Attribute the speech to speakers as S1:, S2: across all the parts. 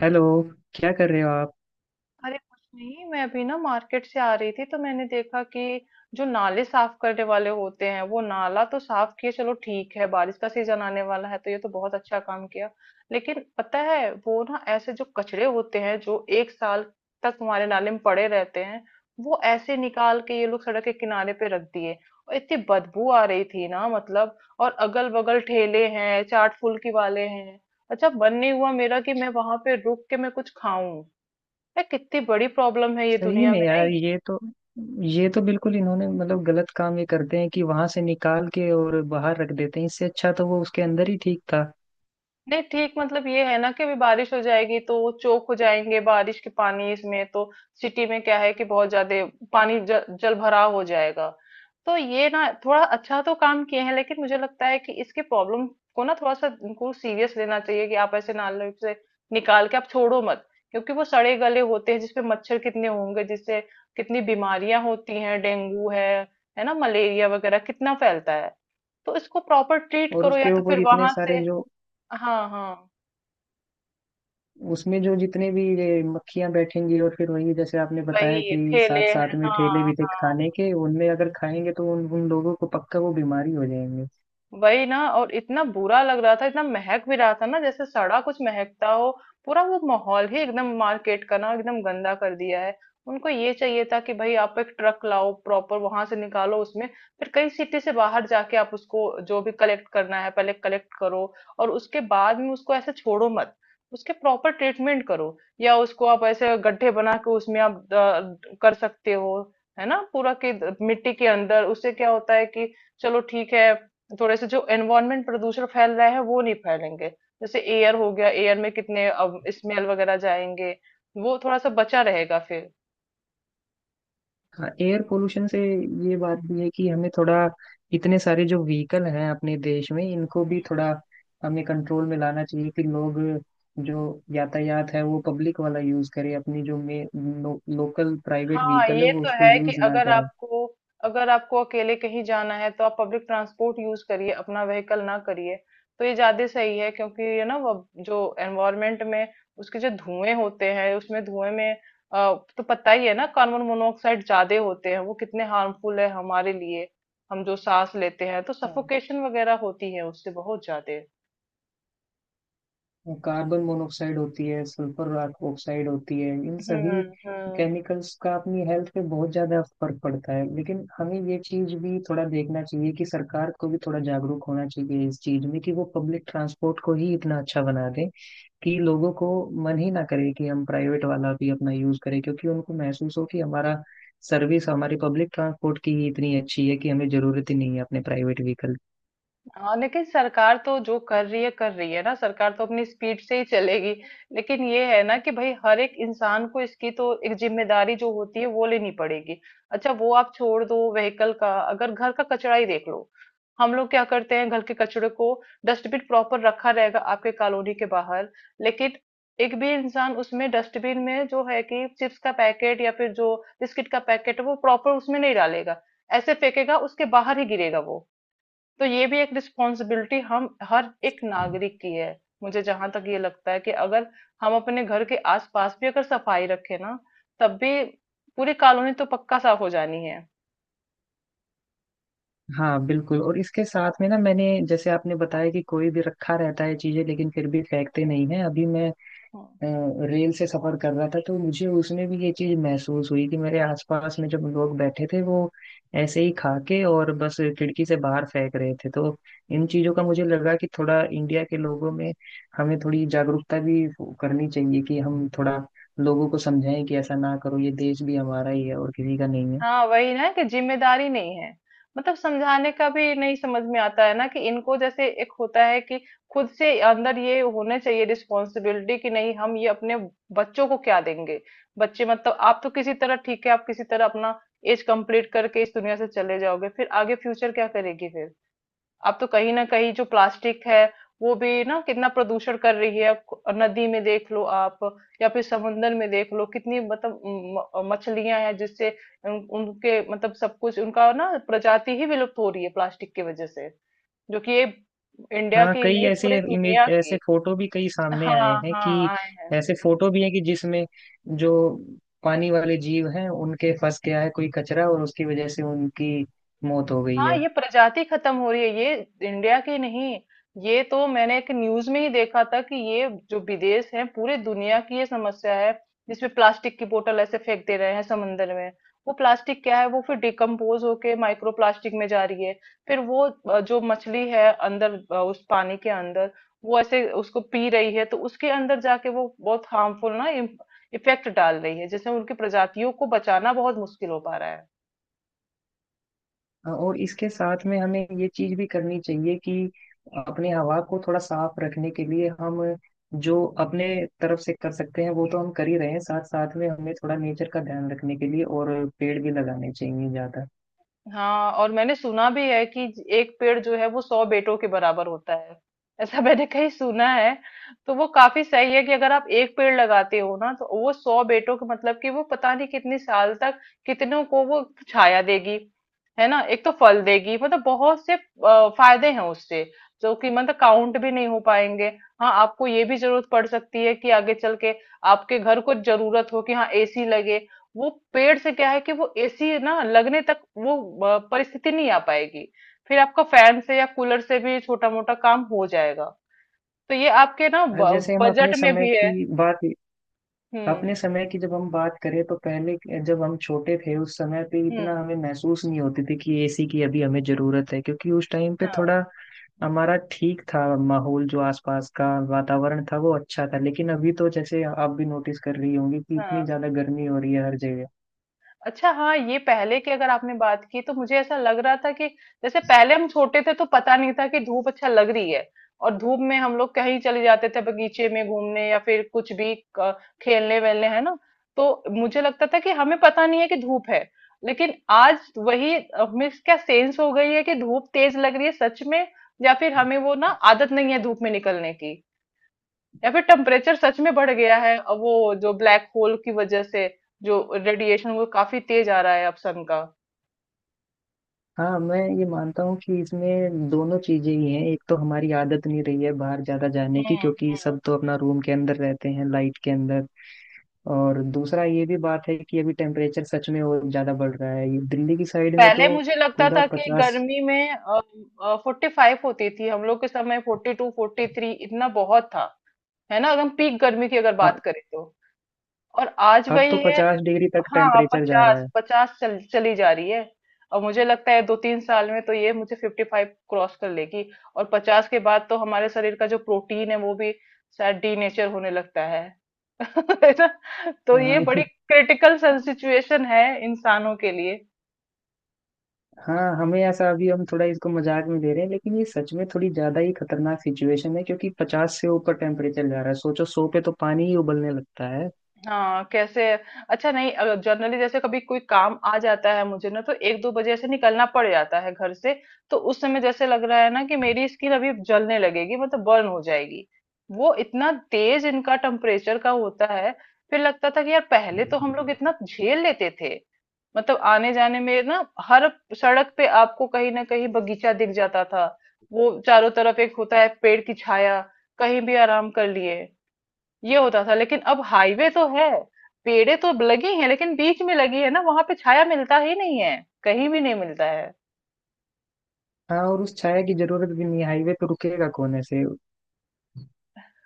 S1: Hello. क्या कर रहे हो आप?
S2: अरे कुछ नहीं। मैं अभी ना मार्केट से आ रही थी तो मैंने देखा कि जो नाले साफ करने वाले होते हैं वो नाला तो साफ किए। चलो ठीक है, बारिश का सीजन आने वाला है तो ये तो बहुत अच्छा काम किया। लेकिन पता है वो ना ऐसे जो कचरे होते हैं जो एक साल तक हमारे नाले में पड़े रहते हैं, वो ऐसे निकाल के ये लोग सड़क के किनारे पे रख दिए। और इतनी बदबू आ रही थी ना, मतलब। और अगल बगल ठेले हैं, चाट फुल्की वाले हैं। अच्छा मन नहीं हुआ मेरा कि मैं वहां पे रुक के मैं कुछ खाऊं। यार कितनी बड़ी प्रॉब्लम है ये
S1: सही
S2: दुनिया
S1: में
S2: में
S1: यार,
S2: नहीं?
S1: ये तो बिल्कुल इन्होंने मतलब गलत काम ये करते हैं कि वहां से निकाल के और बाहर रख देते हैं। इससे अच्छा तो वो उसके अंदर ही ठीक था।
S2: नहीं ठीक, मतलब ये है ना कि अभी बारिश हो जाएगी तो वो चोक हो जाएंगे, बारिश के पानी इसमें तो सिटी में क्या है कि बहुत ज्यादा पानी जल भराव हो जाएगा। तो ये ना थोड़ा अच्छा तो काम किए हैं लेकिन मुझे लगता है कि इसके प्रॉब्लम को ना थोड़ा सा इनको सीरियस लेना चाहिए कि आप ऐसे नाले से निकाल के आप छोड़ो मत। क्योंकि वो सड़े गले होते हैं जिसपे मच्छर कितने होंगे, जिससे कितनी बीमारियां होती हैं। डेंगू है ना, मलेरिया वगैरह कितना फैलता है। तो इसको प्रॉपर ट्रीट
S1: और
S2: करो या
S1: उसके
S2: तो फिर
S1: ऊपर इतने
S2: वहां
S1: सारे
S2: से।
S1: जो
S2: हाँ, हाँ,
S1: उसमें, जो जितने भी ये मक्खियां बैठेंगी और फिर वही जैसे आपने बताया
S2: वही
S1: कि
S2: ठेले
S1: साथ साथ
S2: हैं।
S1: में ठेले
S2: हाँ,
S1: भी थे
S2: हाँ।
S1: खाने के, उनमें अगर खाएंगे तो उन उन लोगों को पक्का वो बीमारी हो जाएंगे।
S2: वही ना, और इतना बुरा लग रहा था, इतना महक भी रहा था ना, जैसे सड़ा कुछ महकता हो। पूरा वो माहौल ही एकदम मार्केट का ना एकदम गंदा कर दिया है। उनको ये चाहिए था कि भाई आप एक ट्रक लाओ, प्रॉपर वहां से निकालो उसमें, फिर कई सिटी से बाहर जाके आप उसको जो भी कलेक्ट करना है पहले कलेक्ट करो। और उसके बाद में उसको ऐसे छोड़ो मत, उसके प्रॉपर ट्रीटमेंट करो। या उसको आप ऐसे गड्ढे बना के उसमें आप कर सकते हो, है ना? पूरा कि मिट्टी के अंदर, उससे क्या होता है कि चलो ठीक है, थोड़े से जो एनवायरमेंट प्रदूषण फैल रहा है वो नहीं फैलेंगे। जैसे एयर हो गया, एयर में कितने स्मेल वगैरह जाएंगे, वो थोड़ा सा बचा रहेगा फिर।
S1: हाँ, एयर पोल्यूशन से। ये बात भी है कि हमें थोड़ा, इतने सारे जो व्हीकल हैं अपने देश में, इनको भी थोड़ा हमें कंट्रोल में लाना चाहिए कि लोग, जो यातायात है वो पब्लिक वाला यूज करें, अपनी जो लोकल प्राइवेट
S2: हाँ
S1: व्हीकल है
S2: ये
S1: वो
S2: तो
S1: उसको
S2: है कि
S1: यूज ना
S2: अगर
S1: करें।
S2: आपको अगर आपको अकेले कहीं जाना है तो आप पब्लिक ट्रांसपोर्ट यूज करिए, अपना व्हीकल ना करिए। तो ये ज्यादा सही है, क्योंकि ये ना वो जो एनवायरमेंट में उसके जो धुएं होते हैं उसमें धुएं में, तो पता ही है ना कार्बन मोनोऑक्साइड ज्यादा होते हैं, वो कितने हार्मफुल है हमारे लिए। हम जो सांस लेते हैं तो सफोकेशन वगैरह होती है उससे बहुत ज्यादा।
S1: कार्बन मोनोऑक्साइड होती है, सल्फर ऑक्साइड होती है, इन सभी
S2: हम्म। हम्म।
S1: केमिकल्स का अपनी हेल्थ पे बहुत ज्यादा फर्क पड़ता है। लेकिन हमें ये चीज भी थोड़ा देखना चाहिए कि सरकार को भी थोड़ा जागरूक होना चाहिए इस चीज में, कि वो पब्लिक ट्रांसपोर्ट को ही इतना अच्छा बना दे कि लोगों को मन ही ना करे कि हम प्राइवेट वाला भी अपना यूज करें, क्योंकि उनको महसूस हो कि हमारा सर्विस, हमारी पब्लिक ट्रांसपोर्ट की ही इतनी अच्छी है कि हमें जरूरत ही नहीं है अपने प्राइवेट व्हीकल
S2: हाँ लेकिन सरकार तो जो कर रही है ना, सरकार तो अपनी स्पीड से ही चलेगी। लेकिन ये है ना कि भाई हर एक इंसान को इसकी तो एक जिम्मेदारी जो होती है वो लेनी पड़ेगी। अच्छा वो आप छोड़ दो व्हीकल का, अगर घर का कचरा ही देख लो। हम लोग क्या करते हैं घर के कचड़े को? डस्टबिन प्रॉपर रखा रहेगा आपके कॉलोनी के बाहर, लेकिन एक भी इंसान उसमें डस्टबिन में जो है कि चिप्स का पैकेट या फिर जो बिस्किट का पैकेट है वो प्रॉपर उसमें नहीं डालेगा, ऐसे फेंकेगा उसके बाहर ही गिरेगा वो। तो ये भी एक रिस्पॉन्सिबिलिटी हम हर एक
S1: की।
S2: नागरिक की है। मुझे जहां तक ये लगता है कि अगर हम अपने घर के आसपास भी अगर सफाई रखें ना, तब भी पूरी कॉलोनी तो पक्का साफ हो जानी है।
S1: हाँ बिल्कुल। और इसके साथ में ना, मैंने जैसे आपने बताया कि कोई भी रखा रहता है चीजें, लेकिन फिर भी फेंकते नहीं है। अभी मैं
S2: हम्म।
S1: अ, रेल से सफर कर रहा था, तो मुझे उसमें भी ये चीज महसूस हुई कि मेरे आसपास में जब लोग बैठे थे, वो ऐसे ही खा के और बस खिड़की से बाहर फेंक रहे थे। तो इन चीजों का मुझे लगा कि थोड़ा इंडिया के लोगों में हमें थोड़ी जागरूकता भी करनी चाहिए, कि हम थोड़ा लोगों को समझाएं कि ऐसा ना करो, ये देश भी हमारा ही है और किसी का नहीं है।
S2: हाँ वही ना कि जिम्मेदारी नहीं है। मतलब समझाने का भी नहीं समझ में आता है ना कि इनको, जैसे एक होता है कि खुद से अंदर ये होने चाहिए रिस्पॉन्सिबिलिटी कि नहीं हम ये अपने बच्चों को क्या देंगे। बच्चे मतलब आप तो किसी तरह ठीक है, आप किसी तरह अपना एज कंप्लीट करके इस दुनिया से चले जाओगे, फिर आगे फ्यूचर क्या करेगी फिर? अब तो कहीं ना कहीं जो प्लास्टिक है, वो भी ना कितना प्रदूषण कर रही है। आप नदी में देख लो, आप या फिर समुन्द्र में देख लो कितनी, मतलब मछलियां हैं जिससे उनके मतलब सब कुछ उनका ना प्रजाति ही विलुप्त हो रही है प्लास्टिक की वजह से। जो कि ये इंडिया
S1: हाँ,
S2: की
S1: कई
S2: नहीं,
S1: ऐसे
S2: पूरे
S1: इमेज,
S2: दुनिया
S1: ऐसे
S2: की।
S1: फोटो भी कई सामने
S2: हाँ
S1: आए हैं
S2: हाँ
S1: कि,
S2: आए हैं।
S1: ऐसे फोटो भी हैं कि जिसमें जो पानी वाले जीव हैं, उनके फंस गया है कोई कचरा और उसकी वजह से उनकी मौत हो गई
S2: हाँ
S1: है।
S2: ये प्रजाति खत्म हो रही है, ये इंडिया की नहीं। ये तो मैंने एक न्यूज में ही देखा था कि ये जो विदेश है पूरे दुनिया की ये समस्या है, जिसमें प्लास्टिक की बोतल ऐसे फेंक दे रहे हैं समंदर में। वो प्लास्टिक क्या है, वो फिर डिकम्पोज होके माइक्रो प्लास्टिक में जा रही है। फिर वो जो मछली है अंदर उस पानी के अंदर, वो ऐसे उसको पी रही है तो उसके अंदर जाके वो बहुत हार्मफुल ना इफेक्ट डाल रही है, जिससे उनकी प्रजातियों को बचाना बहुत मुश्किल हो पा रहा है।
S1: और इसके साथ में हमें ये चीज भी करनी चाहिए कि अपने हवा को थोड़ा साफ रखने के लिए हम जो अपने तरफ से कर सकते हैं वो तो हम कर ही रहे हैं, साथ साथ में हमें थोड़ा नेचर का ध्यान रखने के लिए और पेड़ भी लगाने चाहिए ज्यादा।
S2: हाँ और मैंने सुना भी है कि एक पेड़ जो है वो 100 बेटों के बराबर होता है, ऐसा मैंने कहीं सुना है। तो वो काफी सही है कि अगर आप एक पेड़ लगाते हो ना, तो वो 100 बेटों का मतलब कि वो पता नहीं कितने साल तक कितनों को वो छाया देगी। है ना, एक तो फल देगी, मतलब बहुत से फायदे हैं उससे, जो कि मतलब काउंट भी नहीं हो पाएंगे। हाँ आपको ये भी जरूरत पड़ सकती है कि आगे चल के आपके घर को जरूरत हो कि हाँ एसी लगे। वो पेड़ से क्या है कि वो एसी ना लगने तक वो परिस्थिति नहीं आ पाएगी। फिर आपका फैन से या कूलर से भी छोटा मोटा काम हो जाएगा। तो ये आपके ना
S1: जैसे हम अपने
S2: बजट में
S1: समय
S2: भी है।
S1: की बात,
S2: हम्म।
S1: अपने समय की जब हम बात करें, तो जब हम छोटे थे उस समय पे
S2: हम्म।
S1: इतना हमें महसूस नहीं होती थी कि एसी की अभी हमें जरूरत है, क्योंकि उस टाइम पे
S2: हाँ।
S1: थोड़ा हमारा ठीक था माहौल, जो आसपास का वातावरण था वो अच्छा था। लेकिन अभी तो जैसे आप भी नोटिस कर रही होंगी कि
S2: हाँ।
S1: इतनी ज्यादा गर्मी हो रही है हर जगह।
S2: अच्छा हाँ, ये पहले की अगर आपने बात की तो मुझे ऐसा लग रहा था कि जैसे पहले हम छोटे थे तो पता नहीं था कि धूप अच्छा लग रही है, और धूप में हम लोग कहीं चले जाते थे बगीचे में घूमने या फिर कुछ भी खेलने वेलने, है ना? तो मुझे लगता था कि हमें पता नहीं है कि धूप है। लेकिन आज वही, हमें क्या सेंस हो गई है कि धूप तेज लग रही है, सच में। या फिर हमें वो ना आदत नहीं है धूप में निकलने की, या फिर टेम्परेचर सच में बढ़ गया है, और वो जो ब्लैक होल की वजह से जो रेडिएशन वो काफी तेज आ रहा है अब सन का।
S1: हाँ, मैं ये मानता हूँ कि इसमें दोनों चीजें ही हैं। एक तो हमारी आदत नहीं रही है बाहर ज्यादा जाने की,
S2: हम्म।
S1: क्योंकि
S2: हम्म।
S1: सब तो अपना रूम के अंदर रहते हैं, लाइट के अंदर। और दूसरा ये भी बात है कि अभी टेम्परेचर सच में और ज्यादा बढ़ रहा है, ये दिल्ली की साइड में
S2: पहले
S1: तो
S2: मुझे लगता
S1: पूरा
S2: था कि
S1: पचास।
S2: गर्मी में 45 होती थी, हम लोग के समय 42 43 इतना बहुत था, है ना, एकदम पीक गर्मी की अगर बात करें तो। और आज
S1: अब तो
S2: वही है।
S1: पचास डिग्री तक
S2: हाँ
S1: टेम्परेचर जा रहा
S2: 50
S1: है।
S2: 50 चली जा रही है। और मुझे लगता है दो तीन साल में तो ये मुझे 55 क्रॉस कर लेगी। और 50 के बाद तो हमारे शरीर का जो प्रोटीन है वो भी शायद डीनेचर होने लगता है है ना। तो ये
S1: हाँ,
S2: बड़ी क्रिटिकल सिचुएशन है इंसानों के लिए।
S1: हाँ, हमें ऐसा, अभी हम थोड़ा इसको मजाक में ले रहे हैं, लेकिन ये सच में थोड़ी ज्यादा ही खतरनाक सिचुएशन है, क्योंकि पचास से ऊपर टेम्परेचर जा रहा है। सोचो, सौ पे तो पानी ही उबलने लगता है।
S2: हाँ कैसे। अच्छा नहीं, अगर जनरली जैसे कभी कोई काम आ जाता है मुझे ना, तो एक दो बजे ऐसे निकलना पड़ जाता है घर से, तो उस समय जैसे लग रहा है ना कि मेरी स्किन अभी जलने लगेगी, मतलब बर्न हो जाएगी। वो इतना तेज इनका टेम्परेचर का होता है। फिर लगता था कि यार पहले तो हम लोग इतना झेल लेते थे, मतलब आने जाने में ना हर सड़क पे आपको कहीं ना कहीं बगीचा दिख जाता था, वो चारों तरफ एक होता है पेड़ की छाया, कहीं भी आराम कर लिए, ये होता था। लेकिन अब हाईवे तो है, पेड़े तो लगी हैं लेकिन बीच में लगी है ना, वहां पे छाया मिलता ही नहीं है, कहीं भी नहीं मिलता है।
S1: हाँ, और उस छाया की जरूरत भी नहीं, हाईवे पे रुकेगा कौन ऐसे?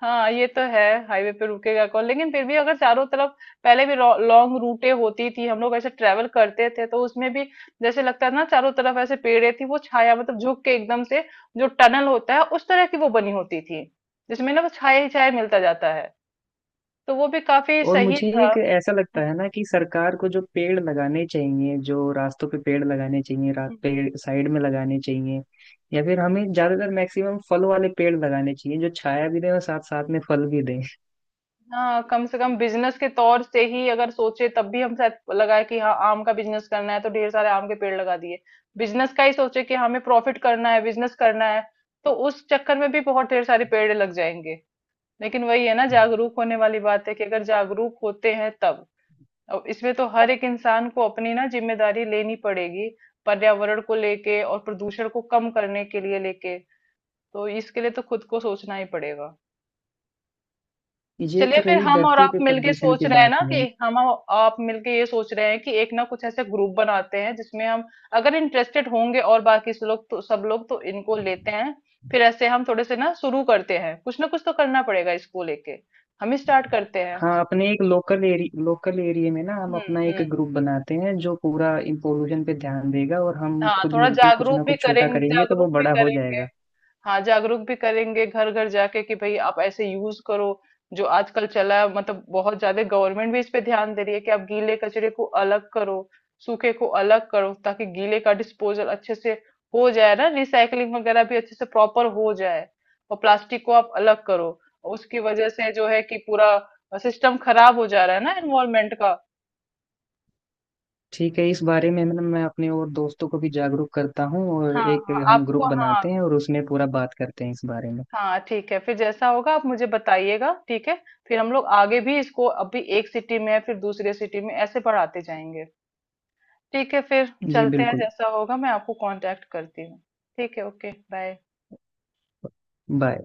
S2: हाँ ये तो है, हाईवे पे रुकेगा कौन, लेकिन फिर भी अगर चारों तरफ। पहले भी लॉन्ग रूटे होती थी, हम लोग ऐसे ट्रेवल करते थे तो उसमें भी जैसे लगता था ना, चारों तरफ ऐसे पेड़े थी, वो छाया, मतलब झुक के एकदम से, जो टनल होता है उस तरह की वो बनी होती थी, जिसमें ना वो छाया ही छाया मिलता जाता है। तो वो भी काफी
S1: और
S2: सही
S1: मुझे
S2: था।
S1: एक ऐसा लगता
S2: हम्म,
S1: है ना कि सरकार को जो पेड़ लगाने चाहिए, जो रास्तों पे पेड़ लगाने चाहिए,
S2: हम्म।
S1: पेड़ साइड में लगाने चाहिए। या फिर हमें ज्यादातर मैक्सिमम फल वाले पेड़ लगाने चाहिए, जो छाया भी दें और साथ साथ में फल भी दें।
S2: हाँ कम से कम बिजनेस के तौर से ही अगर सोचे, तब भी हम शायद लगाए कि हाँ आम का बिजनेस करना है तो ढेर सारे आम के पेड़ लगा दिए। बिजनेस का ही सोचे कि हमें प्रॉफिट करना है, बिजनेस करना है, तो उस चक्कर में भी बहुत ढेर सारे पेड़ लग जाएंगे। लेकिन वही है ना, जागरूक होने वाली बात है कि अगर जागरूक होते हैं तब। अब इसमें तो हर एक इंसान को अपनी ना जिम्मेदारी लेनी पड़ेगी, पर्यावरण को लेके और प्रदूषण को कम करने के लिए लेके। तो इसके लिए तो खुद को सोचना ही पड़ेगा।
S1: ये
S2: चलिए
S1: तो
S2: फिर,
S1: रही
S2: हम और
S1: धरती
S2: आप
S1: पे
S2: मिलके
S1: प्रदूषण
S2: सोच
S1: की
S2: रहे हैं
S1: बात
S2: ना कि
S1: है।
S2: हम और आप मिलके ये सोच रहे हैं कि एक ना, कुछ ऐसे ग्रुप बनाते हैं जिसमें हम अगर इंटरेस्टेड होंगे और बाकी से लोग तो सब लोग तो इनको लेते हैं, फिर ऐसे हम थोड़े से ना शुरू करते हैं। कुछ ना कुछ तो करना पड़ेगा इसको लेके, हम ही स्टार्ट करते हैं।
S1: हाँ, अपने एक लोकल एरिया में ना हम
S2: हम्म।
S1: अपना एक
S2: हम्म।
S1: ग्रुप बनाते हैं, जो पूरा इन पोल्यूशन पे ध्यान देगा, और हम
S2: हाँ,
S1: खुद
S2: थोड़ा
S1: मिलके कुछ
S2: जागरूक
S1: ना
S2: भी
S1: कुछ छोटा
S2: करेंगे,
S1: करेंगे तो वो
S2: जागरूक भी
S1: बड़ा हो
S2: करेंगे।
S1: जाएगा।
S2: हाँ जागरूक भी करेंगे घर घर जाके कि भाई आप ऐसे यूज करो। जो आजकल चला है, मतलब बहुत ज्यादा गवर्नमेंट भी इस पे ध्यान दे रही है कि आप गीले कचरे को अलग करो, सूखे को अलग करो, ताकि गीले का डिस्पोजल अच्छे से हो जाए ना, रिसाइकलिंग वगैरह भी अच्छे से प्रॉपर हो जाए। और प्लास्टिक को आप अलग करो, उसकी वजह से जो है कि पूरा सिस्टम खराब हो जा रहा है ना, एनवायरमेंट का।
S1: ठीक है, इस बारे में मैं अपने और दोस्तों को भी जागरूक करता हूँ, और
S2: हाँ
S1: एक
S2: हाँ
S1: हम ग्रुप
S2: आपको, हाँ।
S1: बनाते हैं और उसमें पूरा बात करते हैं इस बारे में।
S2: हाँ ठीक है, फिर जैसा होगा आप मुझे बताइएगा, ठीक है। फिर हम लोग आगे भी इसको, अभी एक सिटी में है, फिर दूसरे सिटी में ऐसे बढ़ाते जाएंगे। ठीक है, फिर
S1: जी
S2: चलते हैं,
S1: बिल्कुल।
S2: जैसा होगा मैं आपको कांटेक्ट करती हूँ। ठीक है, ओके बाय।
S1: बाय।